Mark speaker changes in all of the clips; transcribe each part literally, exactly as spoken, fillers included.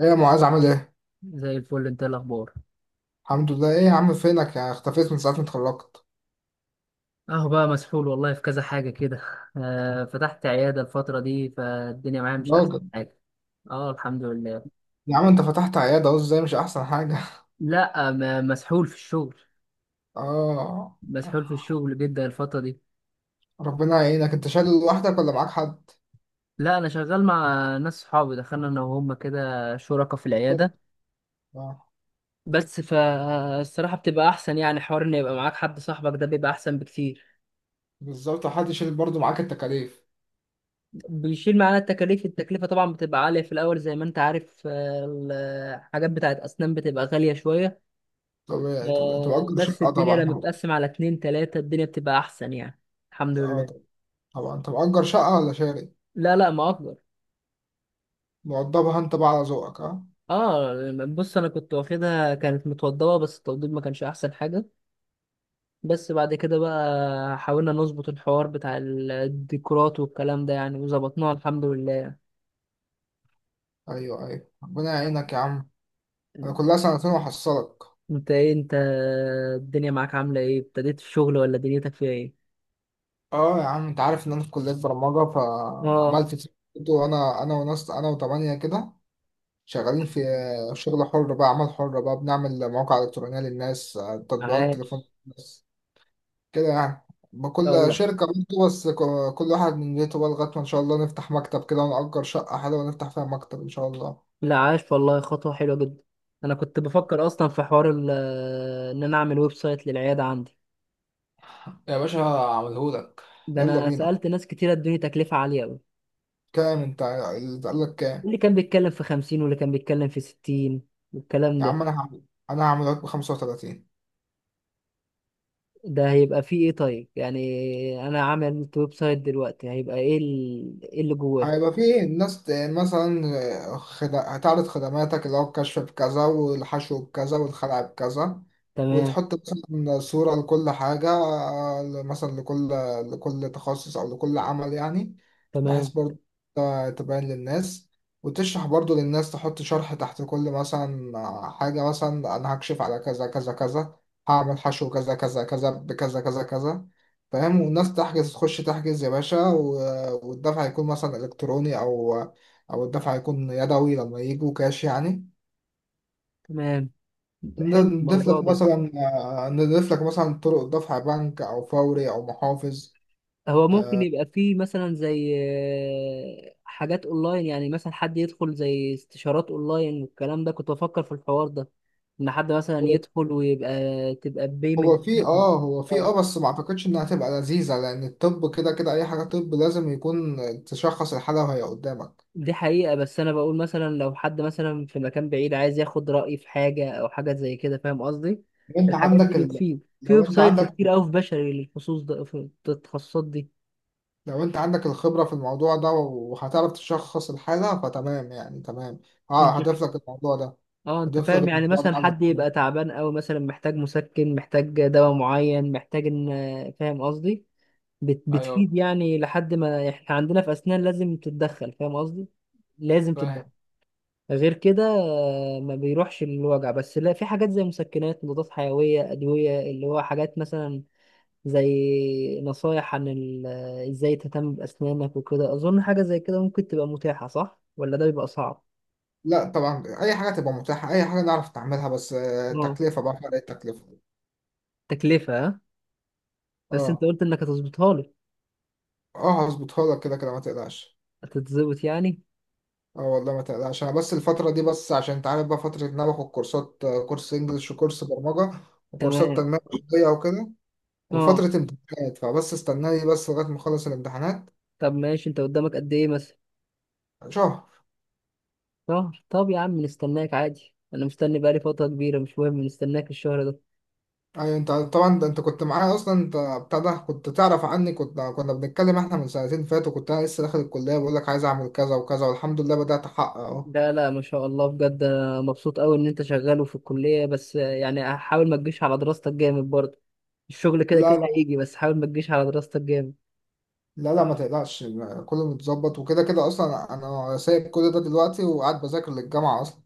Speaker 1: ايه يا معاذ عامل ايه؟
Speaker 2: زي الفل، انت ايه الاخبار؟
Speaker 1: الحمد لله. ايه يا عم، فينك يا، اختفيت من ساعة ما اتخرجت.
Speaker 2: اهو بقى مسحول والله، في كذا حاجه كده. آه، فتحت عياده الفتره دي، فالدنيا معايا مش احسن
Speaker 1: راجل.
Speaker 2: حاجه. اه، الحمد لله.
Speaker 1: يا عم انت فتحت عيادة اهو، ازاي مش احسن حاجة؟
Speaker 2: لا، م- مسحول في الشغل.
Speaker 1: اه.
Speaker 2: مسحول في الشغل جدا الفتره دي.
Speaker 1: ربنا يعينك، انت شايل لوحدك ولا معاك حد؟
Speaker 2: لا، انا شغال مع ناس صحابي، دخلنا انا وهم كده شركاء في العياده.
Speaker 1: اه،
Speaker 2: بس فالصراحه بتبقى احسن، يعني حوار ان يبقى معاك حد صاحبك ده بيبقى احسن بكتير.
Speaker 1: بالظبط، حد يشيل برضه معاك التكاليف.
Speaker 2: بيشيل معانا التكاليف، التكلفه طبعا بتبقى عاليه في الاول زي ما انت عارف آه، الحاجات بتاعت اسنان بتبقى غاليه شويه.
Speaker 1: طبيعي طبيعي، انت
Speaker 2: آه،
Speaker 1: مأجر
Speaker 2: بس
Speaker 1: شقة
Speaker 2: الدنيا
Speaker 1: طبعا.
Speaker 2: لما بتقسم على اتنين تلاتة الدنيا بتبقى أحسن يعني. الحمد
Speaker 1: اه،
Speaker 2: لله.
Speaker 1: طبعا. طبعا انت مأجر شقة ولا شاري؟
Speaker 2: لا لا، ما أكبر.
Speaker 1: موضبها انت بقى على ذوقك، اه.
Speaker 2: اه. بص، أنا كنت واخدها كانت متوضبة بس التوضيب ما كانش أحسن حاجة. بس بعد كده بقى حاولنا نظبط الحوار بتاع ال- الديكورات والكلام ده، يعني وظبطناه الحمد لله يعني.
Speaker 1: ايوه ايوه، ربنا يعينك يا عم. انا كلها سنتين وحصلك.
Speaker 2: انت ايه انت؟ الدنيا معاك عاملة ايه، ابتديت في الشغل ولا دنيتك فيها ايه؟
Speaker 1: اه يا عم، انت عارف ان انا في كلية برمجة،
Speaker 2: اه.
Speaker 1: فعملت تيم. وانا انا وناس انا وتمانية كده، شغالين في شغل حر بقى، عمل حر بقى، بنعمل مواقع إلكترونية للناس، تطبيقات تليفون
Speaker 2: عاش.
Speaker 1: للناس، كده يعني.
Speaker 2: لا
Speaker 1: كل
Speaker 2: والله.
Speaker 1: شركة بنته بس، ك- كل واحد من بيته بقى، لغاية ما ان شاء الله نفتح مكتب كده ونأجر شقة حلوة ونفتح فيها مكتب ان شاء الله.
Speaker 2: لا، عاش والله، خطوة حلوة جدا. أنا كنت بفكر أصلا في حوار ال- آه، إن أنا أعمل ويب سايت للعيادة عندي.
Speaker 1: يا باشا هعملهولك.
Speaker 2: ده
Speaker 1: يلا
Speaker 2: أنا
Speaker 1: بينا.
Speaker 2: سألت ناس كتير ادوني تكلفة عالية أوي.
Speaker 1: كام، انت اللي قال لك كام؟
Speaker 2: اللي كان بيتكلم في خمسين واللي كان بيتكلم في ستين والكلام
Speaker 1: يا
Speaker 2: ده.
Speaker 1: عم انا هعمل، انا هعمله لك ب خمسة وتلاتين.
Speaker 2: ده هيبقى فيه إيه؟ طيب، يعني أنا عامل ويب سايت دلوقتي هيبقى إيه ال- إيه اللي جواه؟
Speaker 1: هيبقى فيه الناس ت- مثلا، آه، خد- هتعرض خدماتك اللي هو الكشف بكذا والحشو بكذا والخلع بكذا.
Speaker 2: تمام.
Speaker 1: وتحط مثلا صورة لكل حاجة، آه، ل- مثلا لكل، لكل تخصص أو لكل عمل يعني. بحيث
Speaker 2: تمام.
Speaker 1: برضه ت- تبين للناس، وتشرح برضه للناس، تحط شرح تحت كل مثلا آه، حاجة. مثلا أنا هكشف على كذا كذا كذا، هعمل حشو كذا كذا كذا بكذا كذا كذا، فاهم؟ والناس تحجز، تخش تحجز يا باشا، و- والدفع هيكون مثلا إلكتروني، أو أو الدفع هيكون يدوي لما يجوا كاش يعني.
Speaker 2: تمام.
Speaker 1: ن-
Speaker 2: حلو
Speaker 1: نضيف
Speaker 2: الموضوع
Speaker 1: لك
Speaker 2: ده.
Speaker 1: مثلا، آه، نضيف لك مثلا طرق دفع بنك أو فوري أو محافظ.
Speaker 2: هو ممكن يبقى فيه مثلا زي آه، حاجات اونلاين، يعني مثلا حد يدخل زي استشارات اونلاين والكلام ده، كنت بفكر في الحوار ده، ان حد مثلا
Speaker 1: هو
Speaker 2: يدخل ويبقى تبقى بيمنت.
Speaker 1: هو في اه هو في
Speaker 2: اه،
Speaker 1: اه بس ما اعتقدش انها هتبقى لذيذة، لان الطب كده كده اي حاجة طب لازم يكون تشخص الحالة وهي قدامك.
Speaker 2: دي حقيقة، بس انا بقول مثلا لو حد مثلا في مكان بعيد عايز ياخد رأيي في حاجة او حاجة زي كده، فاهم قصدي؟
Speaker 1: لو انت
Speaker 2: الحاجات
Speaker 1: عندك
Speaker 2: دي
Speaker 1: ال...
Speaker 2: بتفيد في
Speaker 1: لو
Speaker 2: ويب
Speaker 1: انت
Speaker 2: سايتس
Speaker 1: عندك،
Speaker 2: كتير قوي، في بشري للخصوص ده في التخصصات دي.
Speaker 1: لو انت عندك الخبرة في الموضوع ده وهتعرف تشخص الحالة، فتمام يعني، تمام. اه
Speaker 2: انت،
Speaker 1: هضيف لك الموضوع ده،
Speaker 2: اه انت
Speaker 1: هضيف لك
Speaker 2: فاهم، يعني
Speaker 1: الموضوع ده
Speaker 2: مثلا
Speaker 1: على
Speaker 2: حد
Speaker 1: الوصول.
Speaker 2: يبقى تعبان قوي مثلا، محتاج مسكن، محتاج دواء معين، محتاج ان، فاهم قصدي؟ بت...
Speaker 1: ايوه.
Speaker 2: بتفيد يعني، لحد ما احنا عندنا في اسنان لازم تتدخل، فاهم قصدي؟ لازم تتدخل.
Speaker 1: فاهم.
Speaker 2: غير كده آه، ما بيروحش الوجع، بس لا في حاجات زي مسكنات، مضادات حيوية، ادوية، اللي هو حاجات مثلا زي نصايح عن ال... ازاي تهتم باسنانك وكده، اظن حاجة زي كده ممكن تبقى متاحة، صح ولا ده بيبقى صعب؟
Speaker 1: لا طبعا، اي حاجة تبقى متاحة، اي حاجة نعرف نعملها، بس آه،
Speaker 2: اه.
Speaker 1: تكلفة بقى، فرق التكلفة.
Speaker 2: تكلفة ها؟ بس انت
Speaker 1: اه.
Speaker 2: قلت انك هتظبطها لي.
Speaker 1: اه هظبطها لك كده كده ما تقلقش.
Speaker 2: هتتظبط يعني.
Speaker 1: اه والله ما تقلقش، انا بس الفترة دي بس عشان انت عارف بقى، فترة ان انا باخد كورسات، آه، كورس انجلش وكورس برمجة وكورسات
Speaker 2: تمام.
Speaker 1: تنمية بشرية وكده،
Speaker 2: اه،
Speaker 1: وفترة امتحانات، فبس استناني بس لغاية ما اخلص الامتحانات.
Speaker 2: طب ماشي، انت قدامك قد ايه مثلا؟
Speaker 1: شهر.
Speaker 2: شهر؟ طب يا عم نستناك عادي، انا مستني بقالي فترة كبيرة، مش مهم نستناك الشهر ده.
Speaker 1: ايوه انت طبعا، ده انت كنت معايا اصلا، انت بتاع ده، كنت تعرف عني، كنت، كنا بنتكلم احنا من سنتين فاتوا، كنت انا لسه داخل الكليه بقول لك عايز اعمل كذا وكذا، والحمد لله بدات احقق اهو.
Speaker 2: لا لا، ما شاء الله، بجد أنا مبسوط قوي ان انت شغال وفي الكلية، بس يعني حاول ما تجيش على دراستك جامد برضه. الشغل كده
Speaker 1: لا
Speaker 2: كده
Speaker 1: لا.
Speaker 2: هيجي، بس حاول ما تجيش على دراستك جامد.
Speaker 1: لا لا، ما تقلقش. كله متظبط، وكده كده اصلا انا سايب كل ده دلوقتي وقاعد بذاكر للجامعه اصلا.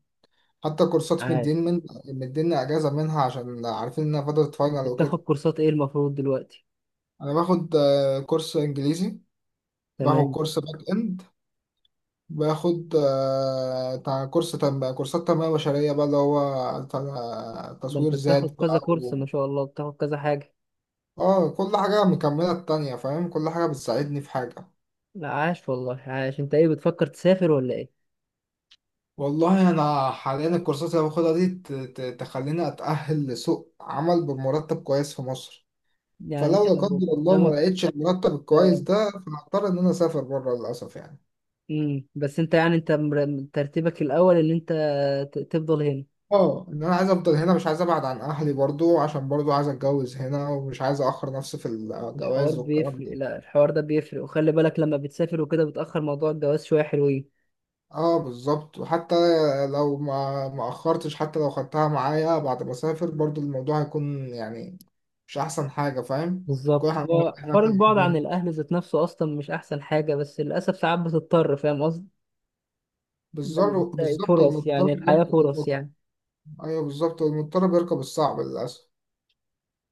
Speaker 1: حتى كورسات
Speaker 2: عاش.
Speaker 1: مدين من، مديني اجازه منها عشان عارفين انها فتره فاينل
Speaker 2: بتاخد
Speaker 1: وكده.
Speaker 2: كورسات ايه المفروض دلوقتي؟
Speaker 1: انا باخد آه، كورس انجليزي، باخد
Speaker 2: تمام.
Speaker 1: كورس باك اند، باخد آه، بتاع كورس تنمية بقى، كورسات تنمية بشرية بقى اللي هو بتاع
Speaker 2: ده
Speaker 1: تصوير
Speaker 2: انت بتاخد
Speaker 1: ذات
Speaker 2: كذا
Speaker 1: بقى
Speaker 2: كورس، ما
Speaker 1: و...
Speaker 2: شاء الله، بتاخد كذا حاجة.
Speaker 1: اه كل حاجة مكملة التانية، فاهم؟ كل حاجة بتساعدني في حاجة.
Speaker 2: لا، عاش والله، عاش. انت ايه، بتفكر تسافر ولا ايه؟
Speaker 1: والله أنا حاليا الكورسات اللي باخدها دي ت- ت- تخليني أتأهل لسوق عمل بمرتب كويس في مصر.
Speaker 2: يعني
Speaker 1: فلو
Speaker 2: انت
Speaker 1: لا
Speaker 2: لو
Speaker 1: قدر الله ما
Speaker 2: قدامك.
Speaker 1: لقيتش المرتب الكويس
Speaker 2: اه.
Speaker 1: ده، فهضطر إن أنا أسافر بره للأسف يعني.
Speaker 2: امم بس انت يعني، انت مر- ترتيبك الاول ان انت ت- تفضل هنا.
Speaker 1: اه ان انا عايز افضل هنا، مش عايز ابعد عن اهلي برضو، عشان برضو عايز اتجوز هنا، ومش عايز اخر نفسي في
Speaker 2: الحوار
Speaker 1: الجواز والكلام.
Speaker 2: بيفرق، لا الحوار ده بيفرق، وخلي بالك لما بتسافر وكده بتأخر موضوع الجواز شوية حلوين.
Speaker 1: اه بالظبط، وحتى لو ما ما اخرتش، حتى لو خدتها معايا بعد ما اسافر، برضو الموضوع هيكون يعني مش احسن حاجه، فاهم؟ كل
Speaker 2: بالظبط،
Speaker 1: حاجه،
Speaker 2: هو
Speaker 1: احنا،
Speaker 2: حوار البعد عن الاهل ذات نفسه اصلا مش احسن حاجة، بس للاسف ساعات بتضطر، فاهم قصدي؟ لما
Speaker 1: بالظبط
Speaker 2: بتلاقي
Speaker 1: بالظبط،
Speaker 2: فرص،
Speaker 1: المضطر
Speaker 2: يعني الحياة فرص
Speaker 1: بيركب.
Speaker 2: يعني.
Speaker 1: ايوه بالظبط، المضطر بيركب الصعب للاسف.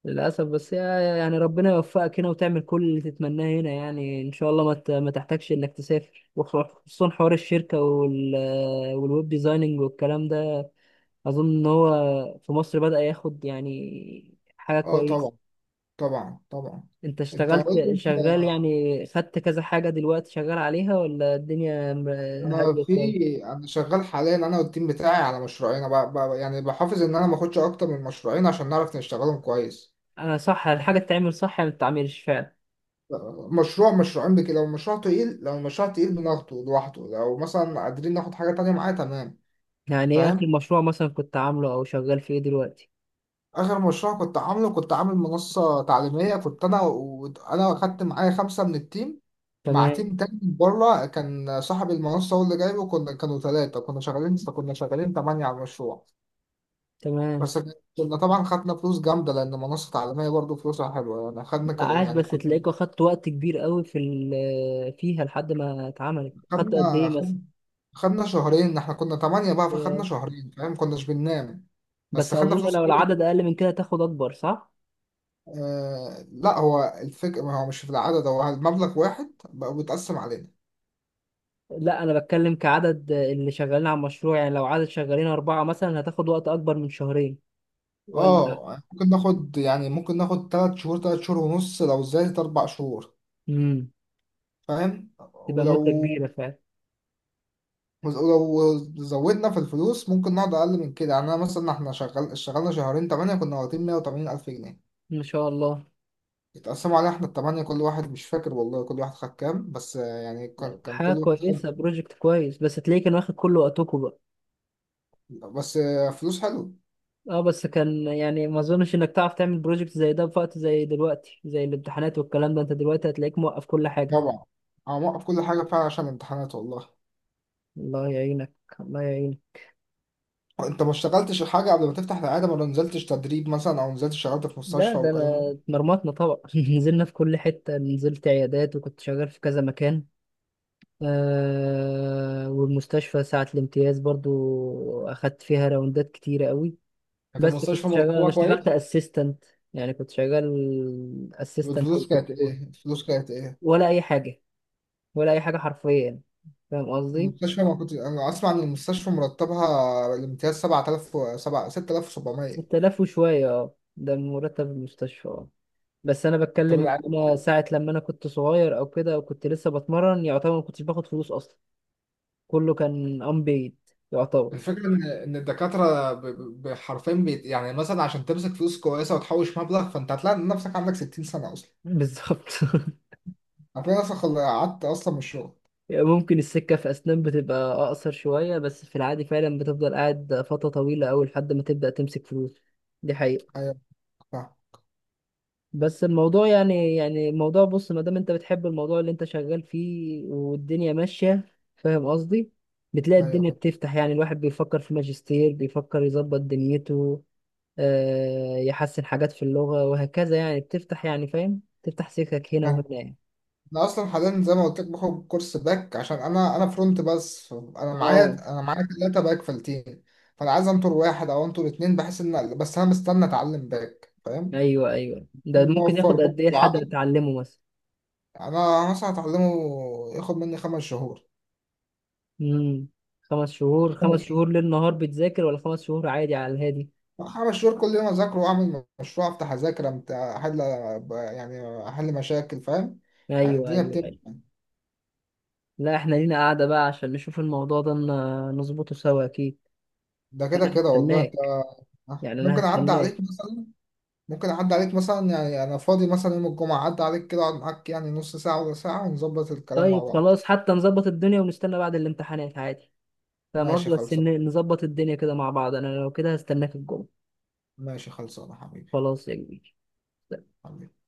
Speaker 2: للاسف، بس هي- يعني ربنا يوفقك هنا وتعمل كل اللي تتمناه هنا، يعني ان شاء الله ما ت- ما تحتاجش انك تسافر، وخصوصا حوار الشركة وال والويب ديزايننج والكلام ده. أظن إن هو في مصر بدأ ياخد يعني حاجة
Speaker 1: اه
Speaker 2: كويسة.
Speaker 1: طبعا. طبعا طبعا.
Speaker 2: أنت
Speaker 1: انت قول لي
Speaker 2: اشتغلت،
Speaker 1: انت.
Speaker 2: شغال يعني، خدت كذا حاجة دلوقتي شغال عليها، ولا الدنيا م-
Speaker 1: انا
Speaker 2: هادية
Speaker 1: في،
Speaker 2: شوية؟
Speaker 1: انا شغال حاليا انا والتيم بتاعي على مشروعين. أنا ب... ب... يعني بحافظ ان انا ما اخدش اكتر من مشروعين عشان نعرف نشتغلهم كويس.
Speaker 2: أنا، صح الحاجة تتعمل صح يعني، ما تتعملش فعلا.
Speaker 1: مشروع مش عندك، لو المشروع تقيل، لو المشروع تقيل بناخده لوحده، لو مثلا قادرين ناخد حاجة تانية معاه تمام.
Speaker 2: يعني إيه آخر
Speaker 1: فاهم.
Speaker 2: مشروع مثلا كنت عامله أو شغال فيه دلوقتي؟
Speaker 1: آخر مشروع كنت عامله، كنت عامل منصة تعليمية. كنت أنا، وأنا أخدت معايا خمسة من التيم مع
Speaker 2: تمام.
Speaker 1: تيم تاني من بره، كان صاحب المنصة هو اللي جايبه، كنا كانوا ثلاثة، كنا شغالين كنا شغالين تمانية على المشروع.
Speaker 2: تمام.
Speaker 1: بس كنا طبعا خدنا فلوس جامدة، لأن منصة تعليمية برضه فلوسها حلوة يعني. خدنا ك-
Speaker 2: لا، عاش،
Speaker 1: يعني
Speaker 2: بس
Speaker 1: كنا،
Speaker 2: تلاقيك أخدت وقت كبير قوي في ال- فيها لحد ما اتعملت، خدت قد
Speaker 1: خدنا
Speaker 2: إيه مثلا؟
Speaker 1: خد- خدنا شهرين. احنا كنا تمانية بقى، فخدنا شهرين، فاهم؟ كناش بننام،
Speaker 2: بس
Speaker 1: بس خدنا
Speaker 2: أظن
Speaker 1: فلوس
Speaker 2: لو
Speaker 1: حاجة.
Speaker 2: العدد أقل من كده تاخد أكبر، صح؟
Speaker 1: آه لا، هو الفكرة، ما هو مش في العدد، هو المبلغ واحد بقى بيتقسم علينا.
Speaker 2: لا، انا بتكلم كعدد اللي شغالين على المشروع، يعني لو عدد شغالين اربعة مثلا هتاخد وقت اكبر من شهرين ولا؟
Speaker 1: اه ممكن ناخد، يعني ممكن ناخد تلات شهور، تلات شهور ونص، لو زادت أربع شهور.
Speaker 2: امم
Speaker 1: فاهم.
Speaker 2: تبقى مدة
Speaker 1: ولو
Speaker 2: كبيرة فعلا.
Speaker 1: ولو زودنا في الفلوس ممكن نقعد أقل من كده يعني. أنا مثلا، احنا شغال، اشتغلنا شهرين تمانية، كنا واخدين مية وتمانين ألف جنيه.
Speaker 2: ما شاء الله.
Speaker 1: اتقسموا علينا احنا التمانية، كل واحد مش فاكر والله كل واحد خد كام، بس آه، يعني كان كان
Speaker 2: حاجة
Speaker 1: كل واحد خد،
Speaker 2: كويسة، بروجكت كويس، بس هتلاقيه كان واخد كل وقتكم بقى.
Speaker 1: بس آه، فلوس حلو.
Speaker 2: اه، بس كان يعني ما اظنش انك تعرف تعمل بروجكت زي ده في وقت زي دلوقتي، زي الامتحانات والكلام ده، انت دلوقتي هتلاقيك موقف كل حاجة.
Speaker 1: طبعا. انا موقف كل حاجة فعلا عشان الامتحانات والله.
Speaker 2: الله يعينك. الله يعينك.
Speaker 1: انت ما اشتغلتش حاجة قبل ما تفتح العيادة؟ ما نزلتش تدريب مثلا، او نزلت اشتغلت في
Speaker 2: لا،
Speaker 1: مستشفى
Speaker 2: ده
Speaker 1: والكلام ده؟
Speaker 2: انا اتمرمطنا طبعا، نزلنا في كل حتة، نزلت عيادات وكنت شغال في كذا مكان. آه، والمستشفى ساعة الامتياز برضو أخدت فيها راوندات كتيرة قوي.
Speaker 1: كانت
Speaker 2: بس
Speaker 1: المستشفى
Speaker 2: كنت شغال، أنا
Speaker 1: مرتبة
Speaker 2: اشتغلت
Speaker 1: كويس،
Speaker 2: أسيستنت، يعني كنت شغال أسيستنت
Speaker 1: والفلوس كانت ايه،
Speaker 2: للدكتور.
Speaker 1: الفلوس كانت ايه؟
Speaker 2: ولا أي حاجة. ولا أي حاجة حرفيا، فاهم قصدي؟
Speaker 1: المستشفى، ما كنت انا اسمع ان المستشفى مرتبها الامتياز سبعة آلاف و- سبعة- ستة آلاف وسبعمائة.
Speaker 2: ستة آلاف وشوية، اه ده مرتب المستشفى اه. بس أنا
Speaker 1: طب
Speaker 2: بتكلم
Speaker 1: العيادة؟
Speaker 2: إن أنا ساعة لما أنا كنت صغير أو كده وكنت لسه بتمرن، يعتبر ما كنتش باخد فلوس أصلا. كله كان unpaid يعتبر.
Speaker 1: الفكرة إن إن الدكاترة ب- ب- ب- حرفيا بيت يعني، مثلا عشان تمسك فلوس كويسة وتحوش مبلغ، فأنت هتلاقي إن نفسك عندك ستين سنة أصلا.
Speaker 2: بالظبط.
Speaker 1: هتلاقي نفسك خل- قعدت أصلا من الشغل.
Speaker 2: يعني ممكن السكة في أسنان بتبقى أقصر شوية، بس في العادي فعلا بتفضل قاعد فترة طويلة أوي لحد ما تبدأ تمسك فلوس. دي حقيقة.
Speaker 1: أيوه فاهم
Speaker 2: بس الموضوع يعني يعني الموضوع بص، ما دام أنت بتحب الموضوع اللي أنت شغال فيه والدنيا ماشية، فاهم قصدي، بتلاقي
Speaker 1: أيوه
Speaker 2: الدنيا
Speaker 1: فاهم
Speaker 2: بتفتح. يعني الواحد بيفكر في ماجستير، بيفكر يظبط دنيته، آه يحسن حاجات في اللغة وهكذا، يعني بتفتح يعني، فاهم، تفتح سكك هنا
Speaker 1: فاهم.
Speaker 2: وهنا يعني.
Speaker 1: أنا أصلا حاليا زي ما قلت لك باخد كورس باك، عشان أنا، أنا فرونت بس أنا
Speaker 2: اه.
Speaker 1: معايا، أنا معايا تلاتة باك في التيم. فأنا عايز أنطر واحد أو أنطر اتنين، بحيث إن، بس أنا مستني أتعلم باك، فاهم؟
Speaker 2: ايوه ايوه، ده
Speaker 1: إن هو
Speaker 2: ممكن
Speaker 1: أوفر
Speaker 2: ياخد قد
Speaker 1: برضه
Speaker 2: ايه لحد ما
Speaker 1: عدد.
Speaker 2: تتعلمه مثلا؟
Speaker 1: أنا مثلا هتعلمه، ياخد مني خمس شهور.
Speaker 2: امم خمس شهور؟ خمس شهور ليل نهار بتذاكر ولا خمس شهور عادي على الهادي؟
Speaker 1: خمس شهور كل يوم أذاكر وأعمل مشروع، أفتح أذاكر، أمت- أحل، يعني أحل مشاكل، فاهم؟ يعني
Speaker 2: ايوه
Speaker 1: الدنيا
Speaker 2: ايوه ايوه.
Speaker 1: بتمشي.
Speaker 2: لا، احنا لينا قاعدة بقى عشان نشوف الموضوع ده ن- نظبطه سوا، اكيد.
Speaker 1: ده كده
Speaker 2: انا
Speaker 1: كده والله أنت.
Speaker 2: هستناك.
Speaker 1: آه.
Speaker 2: يعني انا
Speaker 1: ممكن أعدي
Speaker 2: هستناك.
Speaker 1: عليك مثلا، ممكن أعدي عليك مثلا، يعني أنا فاضي مثلا يوم الجمعة، أعدي عليك كده أقعد معاك يعني نص ساعة ولا ساعة، ونظبط الكلام مع
Speaker 2: طيب
Speaker 1: بعض.
Speaker 2: خلاص، حتى نظبط الدنيا ونستنى بعد الامتحانات عادي، فاهم
Speaker 1: ماشي
Speaker 2: قصدي، بس إن-
Speaker 1: خلصان.
Speaker 2: نظبط الدنيا كده مع بعض. انا لو كده هستناك الجمعة.
Speaker 1: ماشي خلصان يا حبيبي.
Speaker 2: خلاص يا كبير.
Speaker 1: حبيبي.